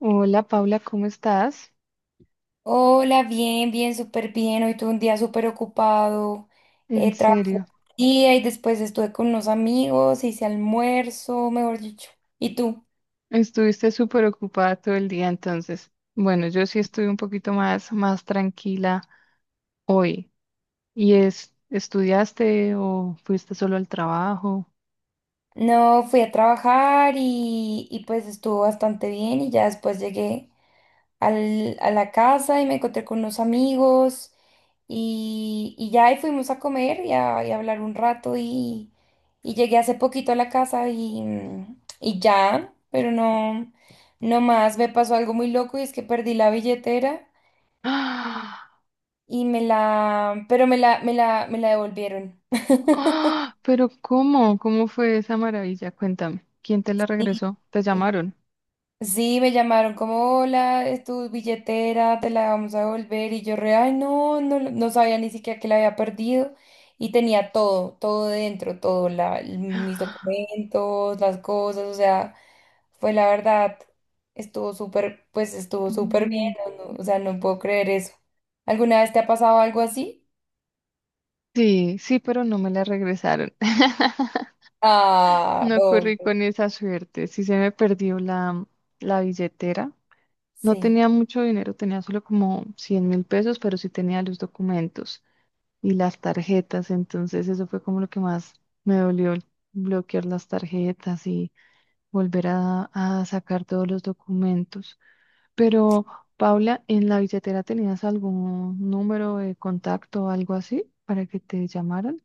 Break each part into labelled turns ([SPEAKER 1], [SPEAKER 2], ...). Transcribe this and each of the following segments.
[SPEAKER 1] Hola Paula, ¿cómo estás?
[SPEAKER 2] Hola, bien, bien, súper bien. Hoy tuve un día súper ocupado.
[SPEAKER 1] En
[SPEAKER 2] Trabajé todo
[SPEAKER 1] serio,
[SPEAKER 2] el día y después estuve con unos amigos, hice almuerzo, mejor dicho. ¿Y tú?
[SPEAKER 1] estuviste súper ocupada todo el día entonces. Bueno, yo sí estuve un poquito más, más tranquila hoy. ¿Y estudiaste o fuiste solo al trabajo?
[SPEAKER 2] No, fui a trabajar y pues estuvo bastante bien y ya después llegué a la casa y me encontré con unos amigos y ya y fuimos a comer y a hablar un rato y llegué hace poquito a la casa y, y ya, pero no, no más, me pasó algo muy loco y es que perdí la billetera
[SPEAKER 1] ¡Ah!
[SPEAKER 2] pero me la devolvieron.
[SPEAKER 1] ¡Ah! Pero ¿cómo? ¿Cómo fue esa maravilla? Cuéntame. ¿Quién te la
[SPEAKER 2] Sí.
[SPEAKER 1] regresó? ¿Te llamaron?
[SPEAKER 2] Sí, me llamaron como, hola, es tu billetera, te la vamos a devolver. Y yo re, ay, no, no, no sabía ni siquiera que la había perdido. Y tenía todo, todo dentro, todo, mis documentos, las cosas, o sea, fue la verdad, estuvo súper, pues estuvo súper bien,
[SPEAKER 1] Mm,
[SPEAKER 2] no, o sea, no puedo creer eso. ¿Alguna vez te ha pasado algo así?
[SPEAKER 1] sí, sí, pero no me la regresaron.
[SPEAKER 2] Ah,
[SPEAKER 1] No corrí
[SPEAKER 2] obvio,
[SPEAKER 1] con esa suerte. Sí se me perdió la billetera. No
[SPEAKER 2] sí.
[SPEAKER 1] tenía mucho dinero, tenía solo como 100.000 pesos, pero sí tenía los documentos y las tarjetas. Entonces eso fue como lo que más me dolió, el bloquear las tarjetas y volver a sacar todos los documentos. Pero, Paula, ¿en la billetera tenías algún número de contacto o algo así para que te llamaran?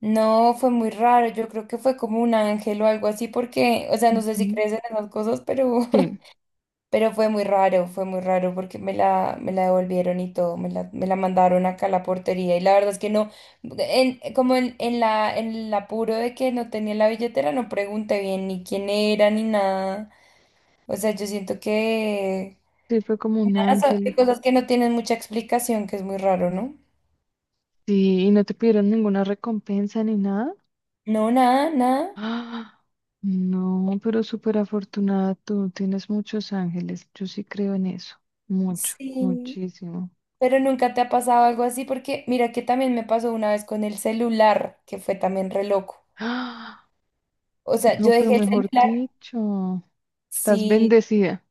[SPEAKER 2] No, fue muy raro. Yo creo que fue como un ángel o algo así, porque, o sea, no sé si
[SPEAKER 1] Ujú.
[SPEAKER 2] crees en esas cosas, pero
[SPEAKER 1] Sí,
[SPEAKER 2] pero fue muy raro porque me la devolvieron y todo, me la mandaron acá a la portería y la verdad es que no, como en el apuro de que no tenía la billetera, no pregunté bien ni quién era ni nada. O sea, yo siento que
[SPEAKER 1] sí, fue como un
[SPEAKER 2] nada, son
[SPEAKER 1] ángel.
[SPEAKER 2] cosas que no tienen mucha explicación, que es muy raro, ¿no?
[SPEAKER 1] Sí, y no te pidieron ninguna recompensa ni nada.
[SPEAKER 2] No, nada, nada.
[SPEAKER 1] ¡Ah! No, pero súper afortunada tú, tienes muchos ángeles, yo sí creo en eso, mucho,
[SPEAKER 2] Sí,
[SPEAKER 1] muchísimo.
[SPEAKER 2] pero nunca te ha pasado algo así porque mira que también me pasó una vez con el celular, que fue también re loco.
[SPEAKER 1] ¡Ah!
[SPEAKER 2] O sea, yo
[SPEAKER 1] No, pero
[SPEAKER 2] dejé el
[SPEAKER 1] mejor
[SPEAKER 2] celular.
[SPEAKER 1] dicho, estás
[SPEAKER 2] Sí,
[SPEAKER 1] bendecida.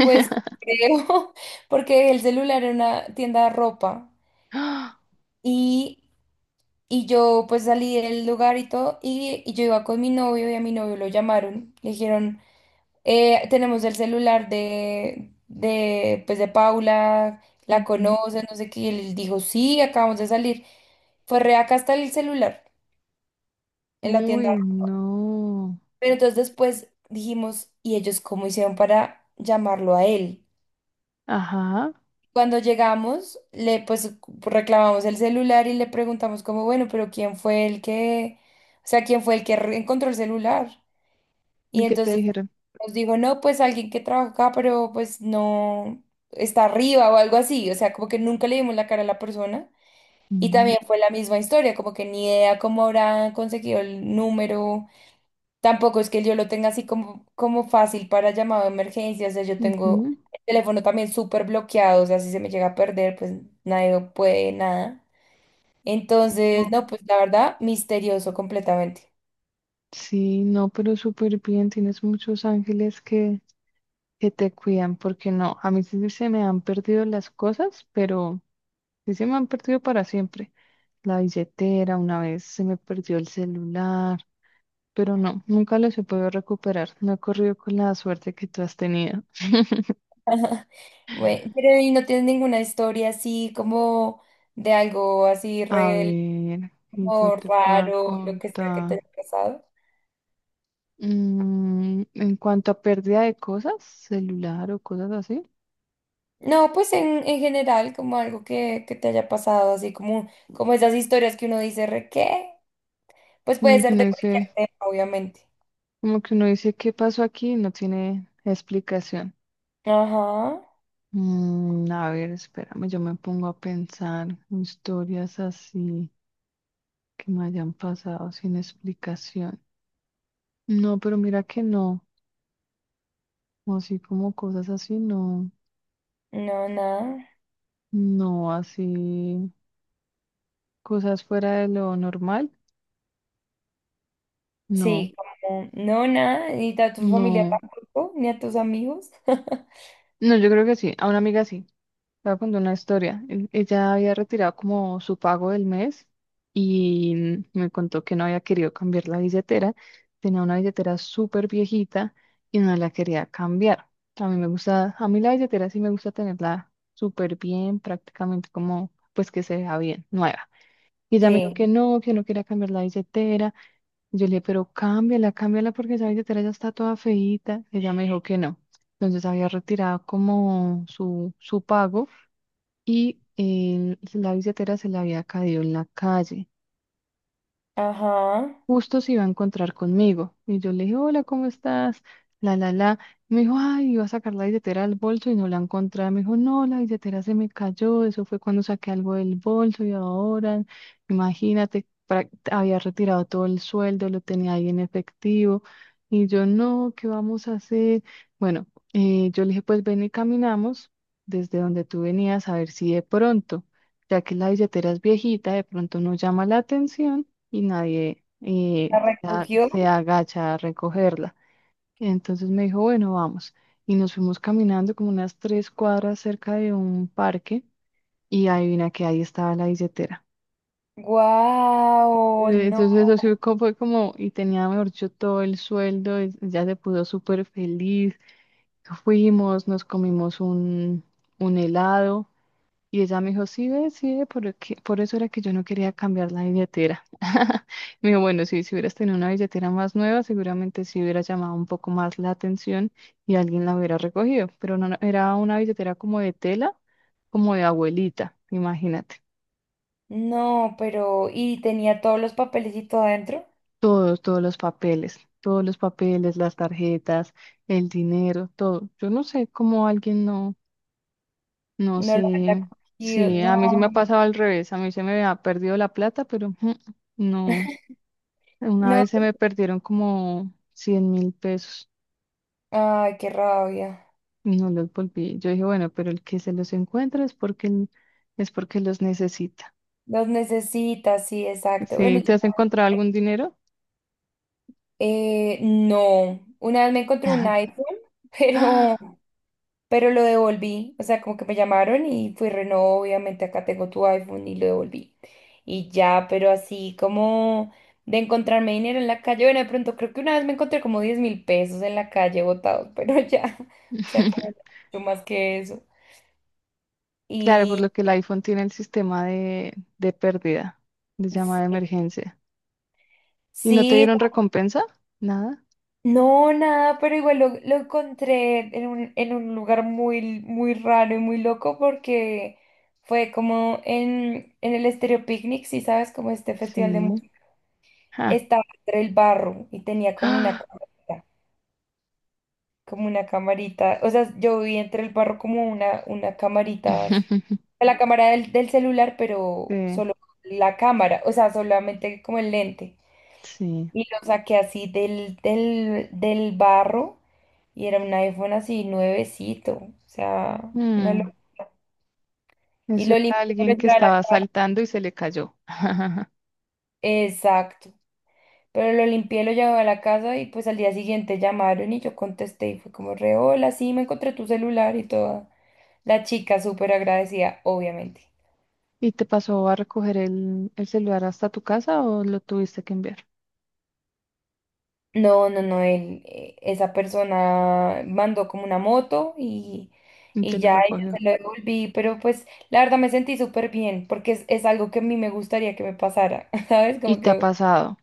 [SPEAKER 2] pues creo, porque el celular era una tienda de ropa
[SPEAKER 1] ¡Ah!
[SPEAKER 2] y, y yo pues salí del lugar y todo y yo iba con mi novio y a mi novio lo llamaron, le dijeron, tenemos el celular pues de Paula, la
[SPEAKER 1] Ujú.
[SPEAKER 2] conoces, no sé qué", y él dijo, sí, acabamos de salir. Fue re acá está el celular en la tienda.
[SPEAKER 1] Uy, no.
[SPEAKER 2] Pero entonces después dijimos, ¿y ellos cómo hicieron para llamarlo a él?
[SPEAKER 1] Ajá,
[SPEAKER 2] Cuando llegamos, le pues reclamamos el celular y le preguntamos como, bueno, pero ¿quién fue el que, o sea, quién fue el que encontró el celular?
[SPEAKER 1] ¿y
[SPEAKER 2] Y
[SPEAKER 1] qué te
[SPEAKER 2] entonces
[SPEAKER 1] dijeron?
[SPEAKER 2] nos dijo, no, pues alguien que trabaja acá, pero pues no está arriba o algo así. O sea, como que nunca le dimos la cara a la persona. Y
[SPEAKER 1] Ujú,
[SPEAKER 2] también fue la misma historia, como que ni idea cómo habrá conseguido el número. Tampoco es que yo lo tenga así como, como fácil para llamado de emergencia, o sea, yo tengo
[SPEAKER 1] ujú.
[SPEAKER 2] el teléfono también súper bloqueado, o sea, si se me llega a perder, pues nadie puede nada.
[SPEAKER 1] Oh,
[SPEAKER 2] Entonces, no, pues la verdad, misterioso completamente.
[SPEAKER 1] sí, no, pero súper bien, tienes muchos ángeles que te cuidan, porque no, a mí sí se me han perdido las cosas, pero... Sí, se me han perdido para siempre. La billetera, una vez se me perdió el celular, pero no, nunca los he podido recuperar. No he corrido con la suerte que tú has tenido.
[SPEAKER 2] Bueno, pero ¿y no tienes ninguna historia así como de algo así
[SPEAKER 1] A
[SPEAKER 2] real
[SPEAKER 1] ver, que yo
[SPEAKER 2] como
[SPEAKER 1] te pueda
[SPEAKER 2] raro, lo que sea que te
[SPEAKER 1] contar.
[SPEAKER 2] haya pasado?
[SPEAKER 1] Mm, en cuanto a pérdida de cosas, celular o cosas así,
[SPEAKER 2] No, pues en general, como algo que te haya pasado, así como, como esas historias que uno dice, re, ¿qué? Pues puede
[SPEAKER 1] como que
[SPEAKER 2] ser
[SPEAKER 1] uno
[SPEAKER 2] de cualquier
[SPEAKER 1] dice,
[SPEAKER 2] tema, obviamente.
[SPEAKER 1] como que uno dice qué pasó aquí y no tiene explicación.
[SPEAKER 2] Ajá,
[SPEAKER 1] Mm, a ver, espérame, yo me pongo a pensar historias así, que me hayan pasado sin explicación. No, pero mira que no, así como cosas así, no,
[SPEAKER 2] no, nada.
[SPEAKER 1] no, así cosas fuera de lo normal, no,
[SPEAKER 2] Sí, como, no, nada, ni a tu familia
[SPEAKER 1] no,
[SPEAKER 2] tampoco, ni a tus amigos.
[SPEAKER 1] no, yo creo que sí, a una amiga sí. Te voy a contar una historia. Ella había retirado como su pago del mes y me contó que no había querido cambiar la billetera. Tenía una billetera súper viejita y no la quería cambiar. A mí me gusta, a mí la billetera sí me gusta tenerla súper bien, prácticamente como pues que se vea bien, nueva. Y ella me dijo
[SPEAKER 2] Sí,
[SPEAKER 1] que no quería cambiar la billetera. Y yo le dije, pero cámbiala, cámbiala porque esa billetera ya está toda feíta. Ella me dijo que no. Entonces había retirado como su pago y la billetera se le había caído en la calle,
[SPEAKER 2] ajá.
[SPEAKER 1] justo se iba a encontrar conmigo. Y yo le dije, hola, ¿cómo estás? La, la, la. Me dijo, ay, iba a sacar la billetera del bolso y no la encontré. Me dijo, no, la billetera se me cayó. Eso fue cuando saqué algo del bolso y ahora, imagínate, había retirado todo el sueldo, lo tenía ahí en efectivo. Y yo, no, ¿qué vamos a hacer? Bueno, yo le dije, pues ven y caminamos desde donde tú venías a ver si de pronto, ya que la billetera es viejita, de pronto no llama la atención y nadie,
[SPEAKER 2] La recogió.
[SPEAKER 1] se agacha a recogerla. Entonces me dijo, bueno, vamos. Y nos fuimos caminando como unas tres cuadras cerca de un parque y adivina que ahí estaba la billetera.
[SPEAKER 2] Guau, no,
[SPEAKER 1] Entonces eso sí fue como, y tenía, mejor dicho, todo el sueldo, y ya se puso súper feliz. Fuimos, nos comimos un helado. Y ella me dijo, sí, ve, por, por eso era que yo no quería cambiar la billetera. Me dijo, bueno, sí, si hubieras tenido una billetera más nueva, seguramente sí hubiera llamado un poco más la atención y alguien la hubiera recogido, pero no, no, era una billetera como de tela, como de abuelita, imagínate.
[SPEAKER 2] no, pero, y tenía todos los papelitos adentro.
[SPEAKER 1] Todos, todos los papeles, las tarjetas, el dinero, todo. Yo no sé cómo alguien no, no
[SPEAKER 2] No lo había
[SPEAKER 1] sé,
[SPEAKER 2] cogido,
[SPEAKER 1] sí, a
[SPEAKER 2] no,
[SPEAKER 1] mí sí me ha pasado al revés, a mí se me ha perdido la plata, pero no. Una
[SPEAKER 2] no.
[SPEAKER 1] vez se me perdieron como 100.000 pesos
[SPEAKER 2] Ay, qué rabia.
[SPEAKER 1] y no los volví. Yo dije, bueno, pero el que se los encuentra es porque, es porque los necesita.
[SPEAKER 2] Los necesitas, sí, exacto. Bueno,
[SPEAKER 1] ¿Sí?
[SPEAKER 2] yo
[SPEAKER 1] ¿Te has
[SPEAKER 2] también,
[SPEAKER 1] encontrado algún dinero?
[SPEAKER 2] no. Una vez me encontré un iPhone, pero
[SPEAKER 1] Ah,
[SPEAKER 2] pero lo devolví, o sea, como que me llamaron y fui reno, obviamente acá tengo tu iPhone y lo devolví. Y ya, pero así como de encontrarme dinero en la calle, bueno, de pronto creo que una vez me encontré como 10.000 pesos en la calle botados, pero ya, o sea, como mucho más que eso.
[SPEAKER 1] claro, por
[SPEAKER 2] Y
[SPEAKER 1] lo que el iPhone tiene el sistema de pérdida, de llamada de
[SPEAKER 2] sí,
[SPEAKER 1] emergencia. ¿Y no te
[SPEAKER 2] sí,
[SPEAKER 1] dieron recompensa? Nada.
[SPEAKER 2] no, nada, pero igual lo encontré en un lugar muy, muy raro y muy loco porque... Fue como en el Estéreo Picnic, si sabes, como este festival de
[SPEAKER 1] Sí.
[SPEAKER 2] música.
[SPEAKER 1] Ah.
[SPEAKER 2] Estaba entre el barro y tenía como una
[SPEAKER 1] Ah.
[SPEAKER 2] camarita, como una camarita. O sea, yo vi entre el barro como una camarita, la cámara del celular, pero
[SPEAKER 1] Sí.
[SPEAKER 2] solo la cámara, o sea, solamente como el lente.
[SPEAKER 1] Sí.
[SPEAKER 2] Y lo saqué así del barro y era un iPhone así nuevecito, o sea,
[SPEAKER 1] Mm.
[SPEAKER 2] y
[SPEAKER 1] Eso
[SPEAKER 2] lo
[SPEAKER 1] era
[SPEAKER 2] limpié.
[SPEAKER 1] alguien
[SPEAKER 2] pero
[SPEAKER 1] que
[SPEAKER 2] ya era-
[SPEAKER 1] estaba saltando y se le cayó.
[SPEAKER 2] Exacto. Pero lo limpié, lo llevé a la casa y pues al día siguiente llamaron y yo contesté y fue como re, hola, sí, me encontré tu celular y toda. La chica súper agradecida, obviamente.
[SPEAKER 1] ¿Y te pasó a recoger el celular hasta tu casa o lo tuviste que enviar?
[SPEAKER 2] No, no, no, él, esa persona mandó como una moto
[SPEAKER 1] Y te
[SPEAKER 2] y
[SPEAKER 1] lo
[SPEAKER 2] ya, y yo
[SPEAKER 1] recogió.
[SPEAKER 2] se lo devolví, pero pues la verdad me sentí súper bien porque es algo que a mí me gustaría que me pasara, ¿sabes?
[SPEAKER 1] Y
[SPEAKER 2] Como
[SPEAKER 1] te ha
[SPEAKER 2] que,
[SPEAKER 1] pasado.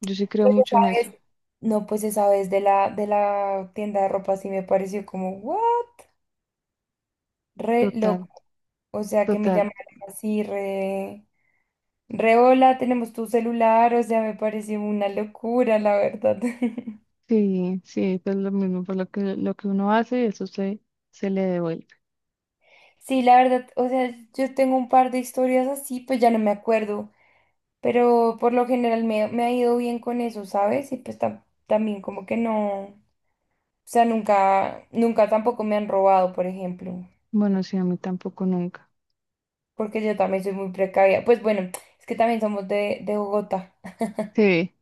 [SPEAKER 1] Yo sí creo
[SPEAKER 2] pues
[SPEAKER 1] mucho
[SPEAKER 2] esa
[SPEAKER 1] en eso.
[SPEAKER 2] vez, no, pues esa vez de la tienda de ropa sí me pareció como, ¿what? Re
[SPEAKER 1] Total,
[SPEAKER 2] loco. O sea, que me
[SPEAKER 1] total.
[SPEAKER 2] llamaran así, re hola, tenemos tu celular. O sea, me pareció una locura, la verdad.
[SPEAKER 1] Sí, sí, pues lo mismo, por lo que, uno hace, eso se le devuelve.
[SPEAKER 2] Sí, la verdad, o sea, yo tengo un par de historias así, pues ya no me acuerdo. Pero por lo general me ha ido bien con eso, ¿sabes? Y pues también como que no. O sea, nunca, nunca tampoco me han robado, por ejemplo.
[SPEAKER 1] Bueno, sí, a mí tampoco nunca.
[SPEAKER 2] Porque yo también soy muy precavida. Pues bueno, es que también somos de Bogotá.
[SPEAKER 1] Sí,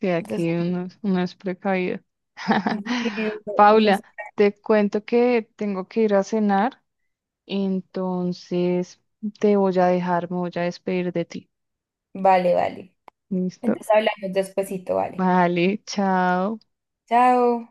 [SPEAKER 1] sí,
[SPEAKER 2] Entonces,
[SPEAKER 1] aquí uno, uno es precavido.
[SPEAKER 2] unos...
[SPEAKER 1] Paula, te cuento que tengo que ir a cenar, entonces te voy a dejar, me voy a despedir de ti.
[SPEAKER 2] Vale, vale.
[SPEAKER 1] ¿Listo?
[SPEAKER 2] Entonces hablamos despuesito, vale.
[SPEAKER 1] Vale, chao.
[SPEAKER 2] Chao.